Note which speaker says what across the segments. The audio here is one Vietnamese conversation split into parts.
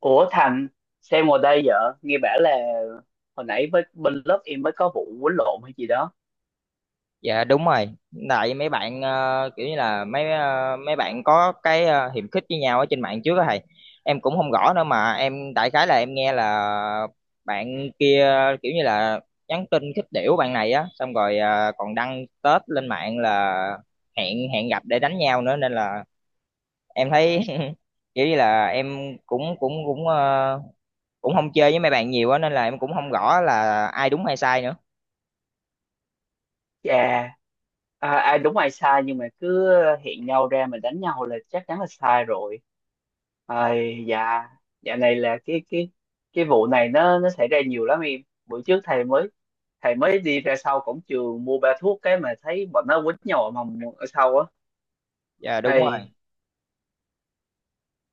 Speaker 1: Ủa Thành, xem ngồi đây vợ, nghe bảo là hồi nãy với bên lớp em mới có vụ quýnh lộn hay gì đó.
Speaker 2: Dạ đúng rồi. Tại mấy bạn kiểu như là mấy bạn có hiềm khích với nhau ở trên mạng trước đó thầy. Em cũng không rõ nữa mà em đại khái là em nghe là bạn kia kiểu như là nhắn tin khích đểu bạn này á, xong rồi còn đăng tết lên mạng là hẹn hẹn gặp để đánh nhau nữa nên là em thấy kiểu như là em cũng cũng cũng ờ, cũng không chơi với mấy bạn nhiều á nên là em cũng không rõ là ai đúng hay sai nữa.
Speaker 1: Chà, à, ai đúng ai sai nhưng mà cứ hẹn nhau ra mà đánh nhau là chắc chắn là sai rồi. Ai dạ, dạo này là cái vụ này nó xảy ra nhiều lắm em. Bữa trước thầy mới đi ra sau cổng trường mua ba thuốc cái mà thấy bọn nó quýnh nhau ở mòng ở sau
Speaker 2: Dạ
Speaker 1: á.
Speaker 2: đúng rồi.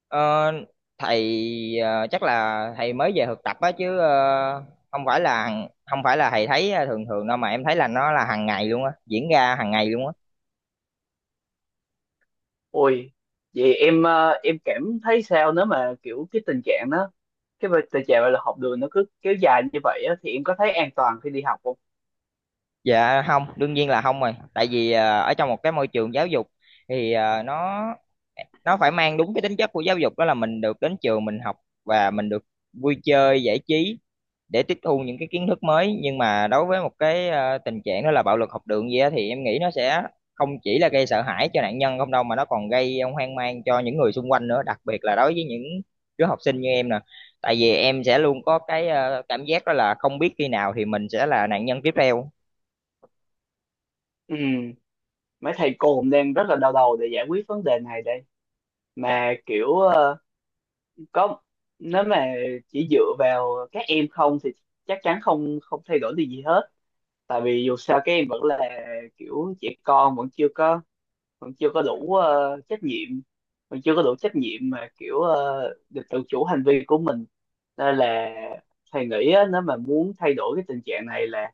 Speaker 2: Ờ, thầy Chắc là thầy mới về thực tập á chứ không phải là không phải là thầy thấy thường thường đâu mà em thấy là nó là hàng ngày luôn á diễn ra hàng ngày luôn á.
Speaker 1: Ôi, vậy em em cảm thấy sao nếu mà kiểu cái tình trạng đó, cái việc- tình trạng là học đường nó cứ kéo dài như vậy á, thì em có thấy an toàn khi đi học không?
Speaker 2: Dạ không, đương nhiên là không rồi, tại vì ở trong một cái môi trường giáo dục thì nó phải mang đúng cái tính chất của giáo dục, đó là mình được đến trường mình học và mình được vui chơi giải trí để tiếp thu những cái kiến thức mới. Nhưng mà đối với một cái tình trạng đó là bạo lực học đường gì á thì em nghĩ nó sẽ không chỉ là gây sợ hãi cho nạn nhân không đâu, mà nó còn gây hoang mang cho những người xung quanh nữa, đặc biệt là đối với những đứa học sinh như em nè. Tại vì em sẽ luôn có cái cảm giác đó là không biết khi nào thì mình sẽ là nạn nhân tiếp theo.
Speaker 1: Ừ, mấy thầy cô cũng đang rất là đau đầu để giải quyết vấn đề này đây. Mà kiểu có nếu mà chỉ dựa vào các em không thì chắc chắn không không thay đổi được gì hết. Tại vì dù sao các em vẫn là kiểu trẻ con vẫn chưa có mình chưa có đủ trách nhiệm mình chưa có đủ trách nhiệm mà kiểu được tự chủ hành vi của mình nên là thầy nghĩ á, nếu mà muốn thay đổi cái tình trạng này là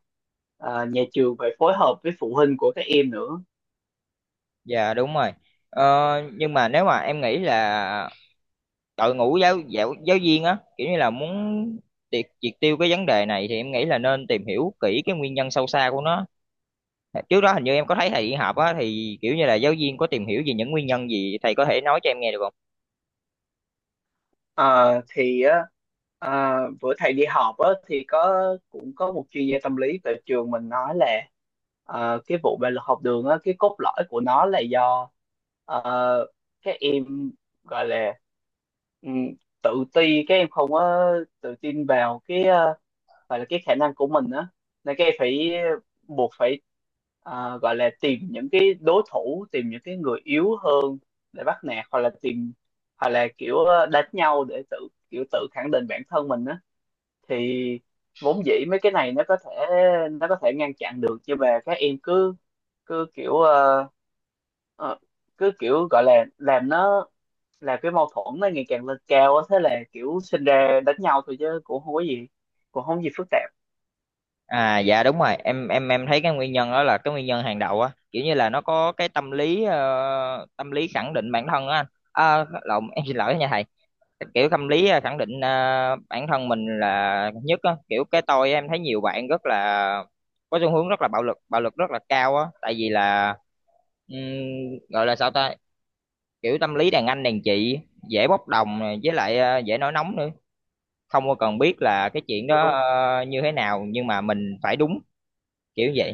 Speaker 1: nhà trường phải phối hợp với phụ huynh của các em nữa.
Speaker 2: Dạ đúng rồi. Ờ, nhưng mà nếu mà em nghĩ là đội ngũ giáo giáo giáo viên á, kiểu như là muốn triệt triệt tiêu cái vấn đề này, thì em nghĩ là nên tìm hiểu kỹ cái nguyên nhân sâu xa của nó. Trước đó hình như em có thấy thầy đi họp á, thì kiểu như là giáo viên có tìm hiểu về những nguyên nhân gì, thầy có thể nói cho em nghe được không?
Speaker 1: Ờ, thì á à, bữa thầy đi họp á thì có cũng có một chuyên gia tâm lý tại trường mình nói là cái vụ bạo lực học đường á, cái cốt lõi của nó là do ờ, các em gọi là ừ, tự ti, các em không có tự tin vào cái gọi là cái khả năng của mình á, nên các em phải buộc phải gọi là tìm những cái đối thủ, tìm những cái người yếu hơn để bắt nạt, hoặc là tìm hoặc là kiểu đánh nhau để tự kiểu tự khẳng định bản thân mình á. Thì vốn dĩ mấy cái này nó có thể ngăn chặn được, nhưng mà các em cứ cứ kiểu ờ, cứ kiểu gọi là làm nó làm cái mâu thuẫn nó ngày càng lên cao á, thế là kiểu sinh ra đánh nhau thôi, chứ cũng không có gì cũng không có gì phức tạp.
Speaker 2: À, dạ đúng rồi, em thấy cái nguyên nhân đó là cái nguyên nhân hàng đầu á, kiểu như là nó có cái tâm lý tâm lý khẳng định bản thân á. Lộn, em xin lỗi nha thầy. Kiểu tâm lý khẳng định bản thân mình là nhất á, kiểu cái tôi. Em thấy nhiều bạn rất là có xu hướng rất là bạo lực, bạo lực rất là cao á, tại vì là ừm, gọi là sao ta, kiểu tâm lý đàn anh đàn chị, dễ bốc đồng này, với lại dễ nổi nóng nữa, không có cần biết là cái chuyện đó
Speaker 1: Đúng,
Speaker 2: như thế nào nhưng mà mình phải đúng, kiểu vậy.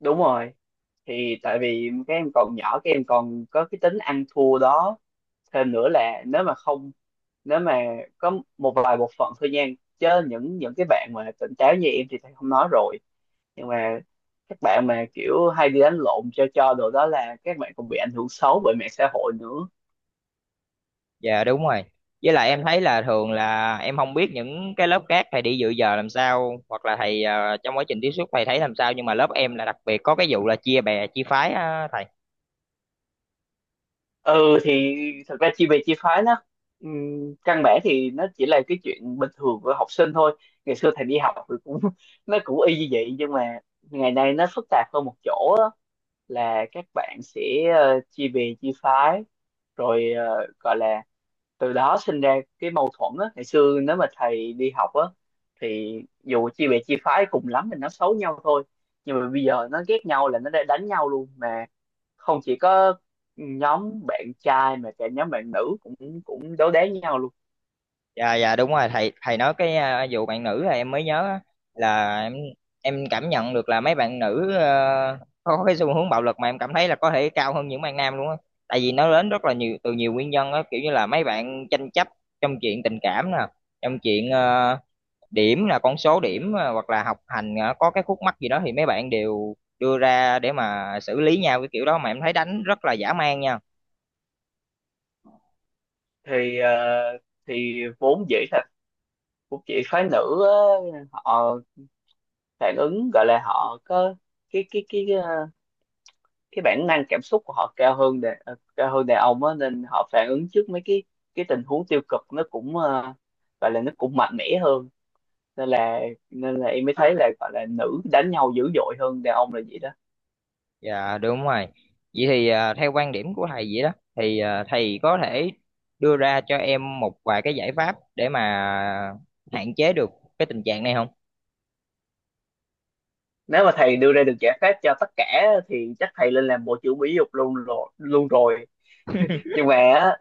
Speaker 1: đúng rồi, thì tại vì các em còn nhỏ, các em còn có cái tính ăn thua đó. Thêm nữa là nếu mà không nếu mà có một vài bộ phận thôi nha, chứ những cái bạn mà tỉnh táo như em thì thầy không nói rồi, nhưng mà các bạn mà kiểu hay đi đánh lộn cho đồ đó là các bạn còn bị ảnh hưởng xấu bởi mạng xã hội nữa.
Speaker 2: Dạ đúng rồi. Với lại em thấy là thường là em không biết những cái lớp khác thầy đi dự giờ làm sao, hoặc là thầy trong quá trình tiếp xúc thầy thấy làm sao, nhưng mà lớp em là đặc biệt có cái vụ là chia bè chia phái á thầy.
Speaker 1: Ừ thì thật ra chia bè chia phái nó căn bản thì nó chỉ là cái chuyện bình thường của học sinh thôi. Ngày xưa thầy đi học thì cũng nó cũng y như vậy, nhưng mà ngày nay nó phức tạp hơn một chỗ á. Là các bạn sẽ chia bè chia phái rồi gọi là từ đó sinh ra cái mâu thuẫn á. Ngày xưa nếu mà thầy đi học á thì dù chia bè chia phái cùng lắm thì nó xấu nhau thôi, nhưng mà bây giờ nó ghét nhau là nó đã đánh nhau luôn mà, không chỉ có nhóm bạn trai mà cả nhóm bạn nữ cũng cũng đấu đá với nhau luôn.
Speaker 2: Dạ dạ đúng rồi, thầy thầy nói cái vụ bạn nữ là em mới nhớ á, là em cảm nhận được là mấy bạn nữ có cái xu hướng bạo lực mà em cảm thấy là có thể cao hơn những bạn nam luôn á. Tại vì nó đến rất là nhiều từ nhiều nguyên nhân á, kiểu như là mấy bạn tranh chấp trong chuyện tình cảm nè, trong chuyện điểm, là con số điểm hoặc là học hành có cái khúc mắc gì đó thì mấy bạn đều đưa ra để mà xử lý nhau cái kiểu đó, mà em thấy đánh rất là dã man nha.
Speaker 1: Thì thì vốn dĩ là vốn dĩ phái nữ á, họ phản ứng gọi là họ có cái cái cái, ờ, cái bản năng cảm xúc của họ cao hơn đàn cao hơn đàn ông á, nên họ phản ứng trước mấy cái tình huống tiêu cực nó cũng gọi là nó cũng mạnh mẽ hơn, nên là nên là em mới thấy là gọi là nữ đánh nhau dữ dội hơn đàn ông là vậy đó.
Speaker 2: Dạ đúng rồi. Vậy thì theo quan điểm của thầy vậy đó thì thầy có thể đưa ra cho em một vài cái giải pháp để mà hạn chế được cái tình trạng này không?
Speaker 1: Nếu mà thầy đưa ra được giải pháp cho tất cả thì chắc thầy lên làm bộ trưởng Mỹ dục luôn rồi luôn rồi, nhưng mà á,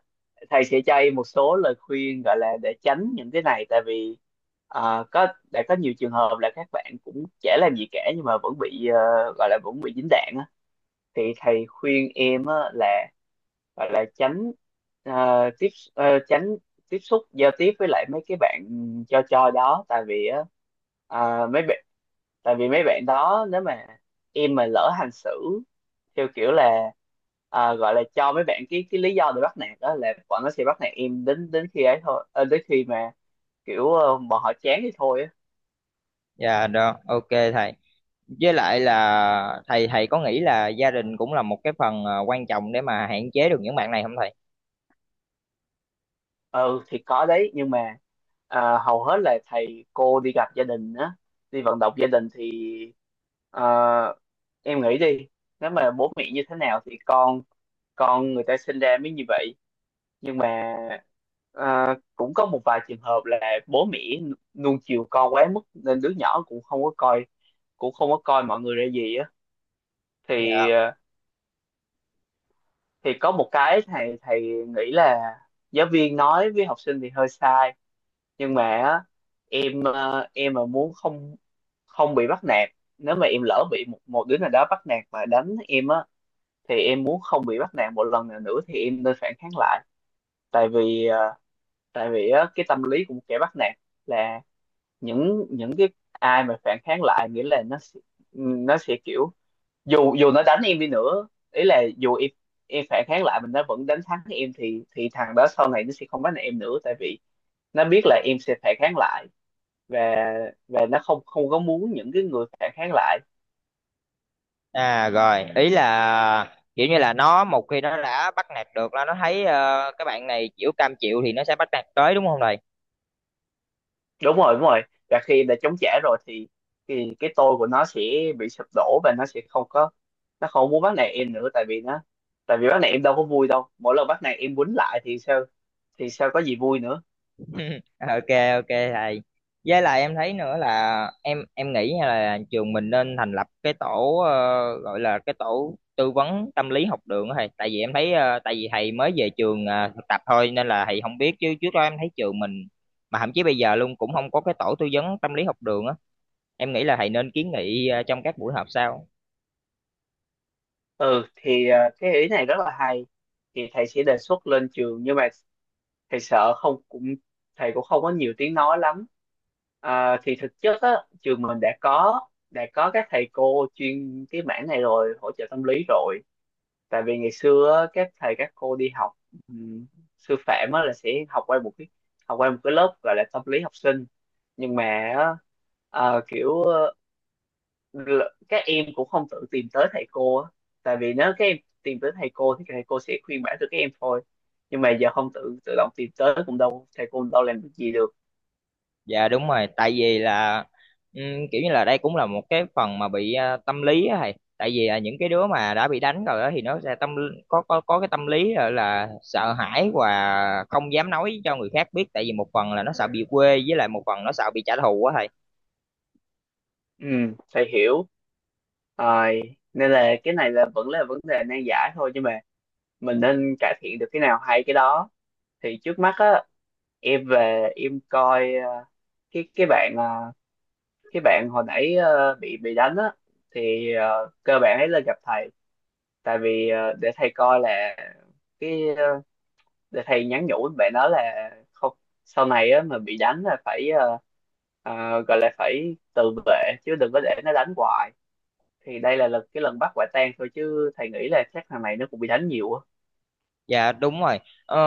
Speaker 1: thầy sẽ cho em một số lời khuyên gọi là để tránh những cái này. Tại vì có đã có nhiều trường hợp là các bạn cũng chả làm gì cả nhưng mà vẫn bị gọi là vẫn bị dính đạn á. Thì thầy khuyên em á, là gọi là tránh ờ, tiếp tránh tiếp xúc giao tiếp với lại mấy cái bạn cho đó. Tại vì á ờ, mấy bạn tại vì mấy bạn đó nếu mà em mà lỡ hành xử theo kiểu là gọi là cho mấy bạn cái lý do để bắt nạt đó, là bọn nó sẽ bắt nạt em đến đến khi ấy thôi đến khi mà kiểu bọn họ chán thì thôi á.
Speaker 2: Dạ đó, ok thầy. Với lại là thầy thầy có nghĩ là gia đình cũng là một cái phần quan trọng để mà hạn chế được những bạn này không thầy?
Speaker 1: Ừ thì có đấy, nhưng mà à, hầu hết là thầy cô đi gặp gia đình á, đi vận động gia đình thì à, em nghĩ đi, nếu mà bố mẹ như thế nào thì con người ta sinh ra mới như vậy. Nhưng mà à, cũng có một vài trường hợp là bố mẹ nuông chiều con quá mức nên đứa nhỏ cũng không có coi cũng không có coi mọi người ra gì á. Thì à, thì có một cái thầy thầy nghĩ là giáo viên nói với học sinh thì hơi sai, nhưng mà á, em em mà muốn không không bị bắt nạt nếu mà em lỡ bị một một đứa nào đó bắt nạt và đánh em á, thì em muốn không bị bắt nạt một lần nào nữa thì em nên phản kháng lại. Tại vì tại vì á cái tâm lý của một kẻ bắt nạt là những cái ai mà phản kháng lại nghĩa là nó sẽ kiểu dù dù nó đánh em đi nữa, ý là dù em phản kháng lại mình, nó vẫn đánh thắng em thì thằng đó sau này nó sẽ không bắt nạt em nữa, tại vì nó biết là em sẽ phản kháng lại. và và nó không không có muốn những cái người phản kháng lại.
Speaker 2: À rồi, ý là kiểu như là nó một khi nó đã bắt nạt được là nó thấy cái bạn này chịu, cam chịu, thì nó sẽ bắt nạt tới, đúng không thầy?
Speaker 1: Đúng rồi đúng rồi, và khi đã chống trả rồi thì cái tôi của nó sẽ bị sụp đổ và nó sẽ không có nó không muốn bắt nạt em nữa. Tại vì nó tại vì bắt nạt em đâu có vui đâu, mỗi lần bắt nạt em quýnh lại thì sao, thì sao có gì vui nữa.
Speaker 2: Ok, ok thầy. Với lại em thấy nữa là em nghĩ nha, là trường mình nên thành lập cái tổ gọi là cái tổ tư vấn tâm lý học đường á thầy. Tại vì em thấy tại vì thầy mới về trường thực tập thôi nên là thầy không biết, chứ trước đó em thấy trường mình mà thậm chí bây giờ luôn cũng không có cái tổ tư vấn tâm lý học đường á. Em nghĩ là thầy nên kiến nghị trong các buổi họp sau.
Speaker 1: Ừ thì cái ý này rất là hay, thì thầy sẽ đề xuất lên trường, nhưng mà thầy sợ không cũng thầy cũng không có nhiều tiếng nói lắm. À, thì thực chất á, trường mình đã có các thầy cô chuyên cái mảng này rồi, hỗ trợ tâm lý rồi. Tại vì ngày xưa á, các thầy các cô đi học ừm, sư phạm á là sẽ học qua một cái học qua một cái lớp gọi là tâm lý học sinh. Nhưng mà á, kiểu các em cũng không tự tìm tới thầy cô á. Tại vì nếu các em tìm tới thầy cô thì thầy cô sẽ khuyên bảo cho các em thôi, nhưng mà giờ không tự tự động tìm tới cũng đâu thầy cô đâu làm được gì được.
Speaker 2: Dạ đúng rồi, tại vì là ừm, kiểu như là đây cũng là một cái phần mà bị tâm lý á thầy. Tại vì là những cái đứa mà đã bị đánh rồi á thì nó sẽ có cái tâm lý là sợ hãi và không dám nói cho người khác biết, tại vì một phần là nó sợ bị quê, với lại một phần nó sợ bị trả thù á thầy.
Speaker 1: Ừ, thầy hiểu rồi, nên là cái này là vẫn là vấn đề nan giải thôi, nhưng mà mình nên cải thiện được cái nào hay cái đó. Thì trước mắt á, em về em coi cái cái bạn ờ, cái bạn hồi nãy bị đánh á, thì cơ bản ấy là gặp thầy. Tại vì để thầy coi là cái để thầy nhắn nhủ với bạn đó là không, sau này á mà bị đánh là phải gọi là phải tự vệ chứ đừng có để nó đánh hoài. Thì đây là lần cái lần bắt quả tang thôi chứ thầy nghĩ là chắc thằng này nó cũng bị đánh nhiều á.
Speaker 2: Dạ đúng rồi. Ờ,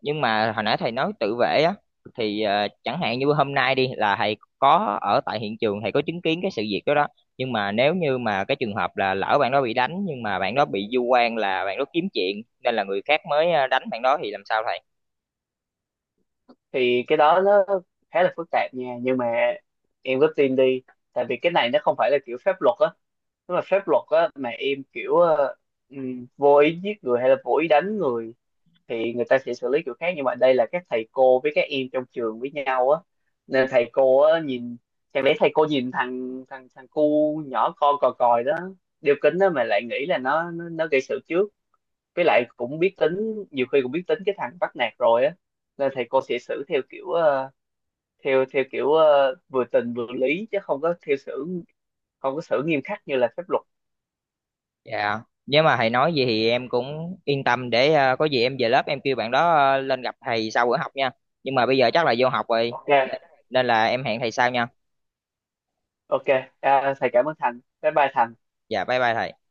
Speaker 2: nhưng mà hồi nãy thầy nói tự vệ á, thì chẳng hạn như hôm nay đi là thầy có ở tại hiện trường, thầy có chứng kiến cái sự việc đó đó. Nhưng mà nếu như mà cái trường hợp là lỡ bạn đó bị đánh nhưng mà bạn đó bị vu oan là bạn đó kiếm chuyện, nên là người khác mới đánh bạn đó, thì làm sao thầy?
Speaker 1: Thì cái đó nó khá là phức tạp nha, nhưng mà em cứ tin đi. Tại vì cái này nó không phải là kiểu pháp luật á, nếu mà pháp luật á mà em kiểu vô ý giết người hay là vô ý đánh người thì người ta sẽ xử lý kiểu khác. Nhưng mà đây là các thầy cô với các em trong trường với nhau á, nên thầy cô á nhìn, chẳng lẽ thầy cô nhìn thằng thằng thằng cu nhỏ con cò còi đó, đeo kính đó mà lại nghĩ là nó gây sự trước, với lại cũng biết tính nhiều khi cũng biết tính cái thằng bắt nạt rồi á. Nên thầy cô sẽ xử theo kiểu ờ, theo theo kiểu vừa tình vừa lý, chứ không có theo xử không có xử nghiêm khắc như là pháp luật.
Speaker 2: Dạ. Nếu mà thầy nói gì thì em cũng yên tâm để có gì em về lớp em kêu bạn đó lên gặp thầy sau bữa học nha. Nhưng mà bây giờ chắc là vô học rồi
Speaker 1: Ok,
Speaker 2: nên nên là em hẹn thầy sau nha.
Speaker 1: ok. À, thầy cảm ơn Thành, bye bye Thành.
Speaker 2: Dạ bye bye thầy.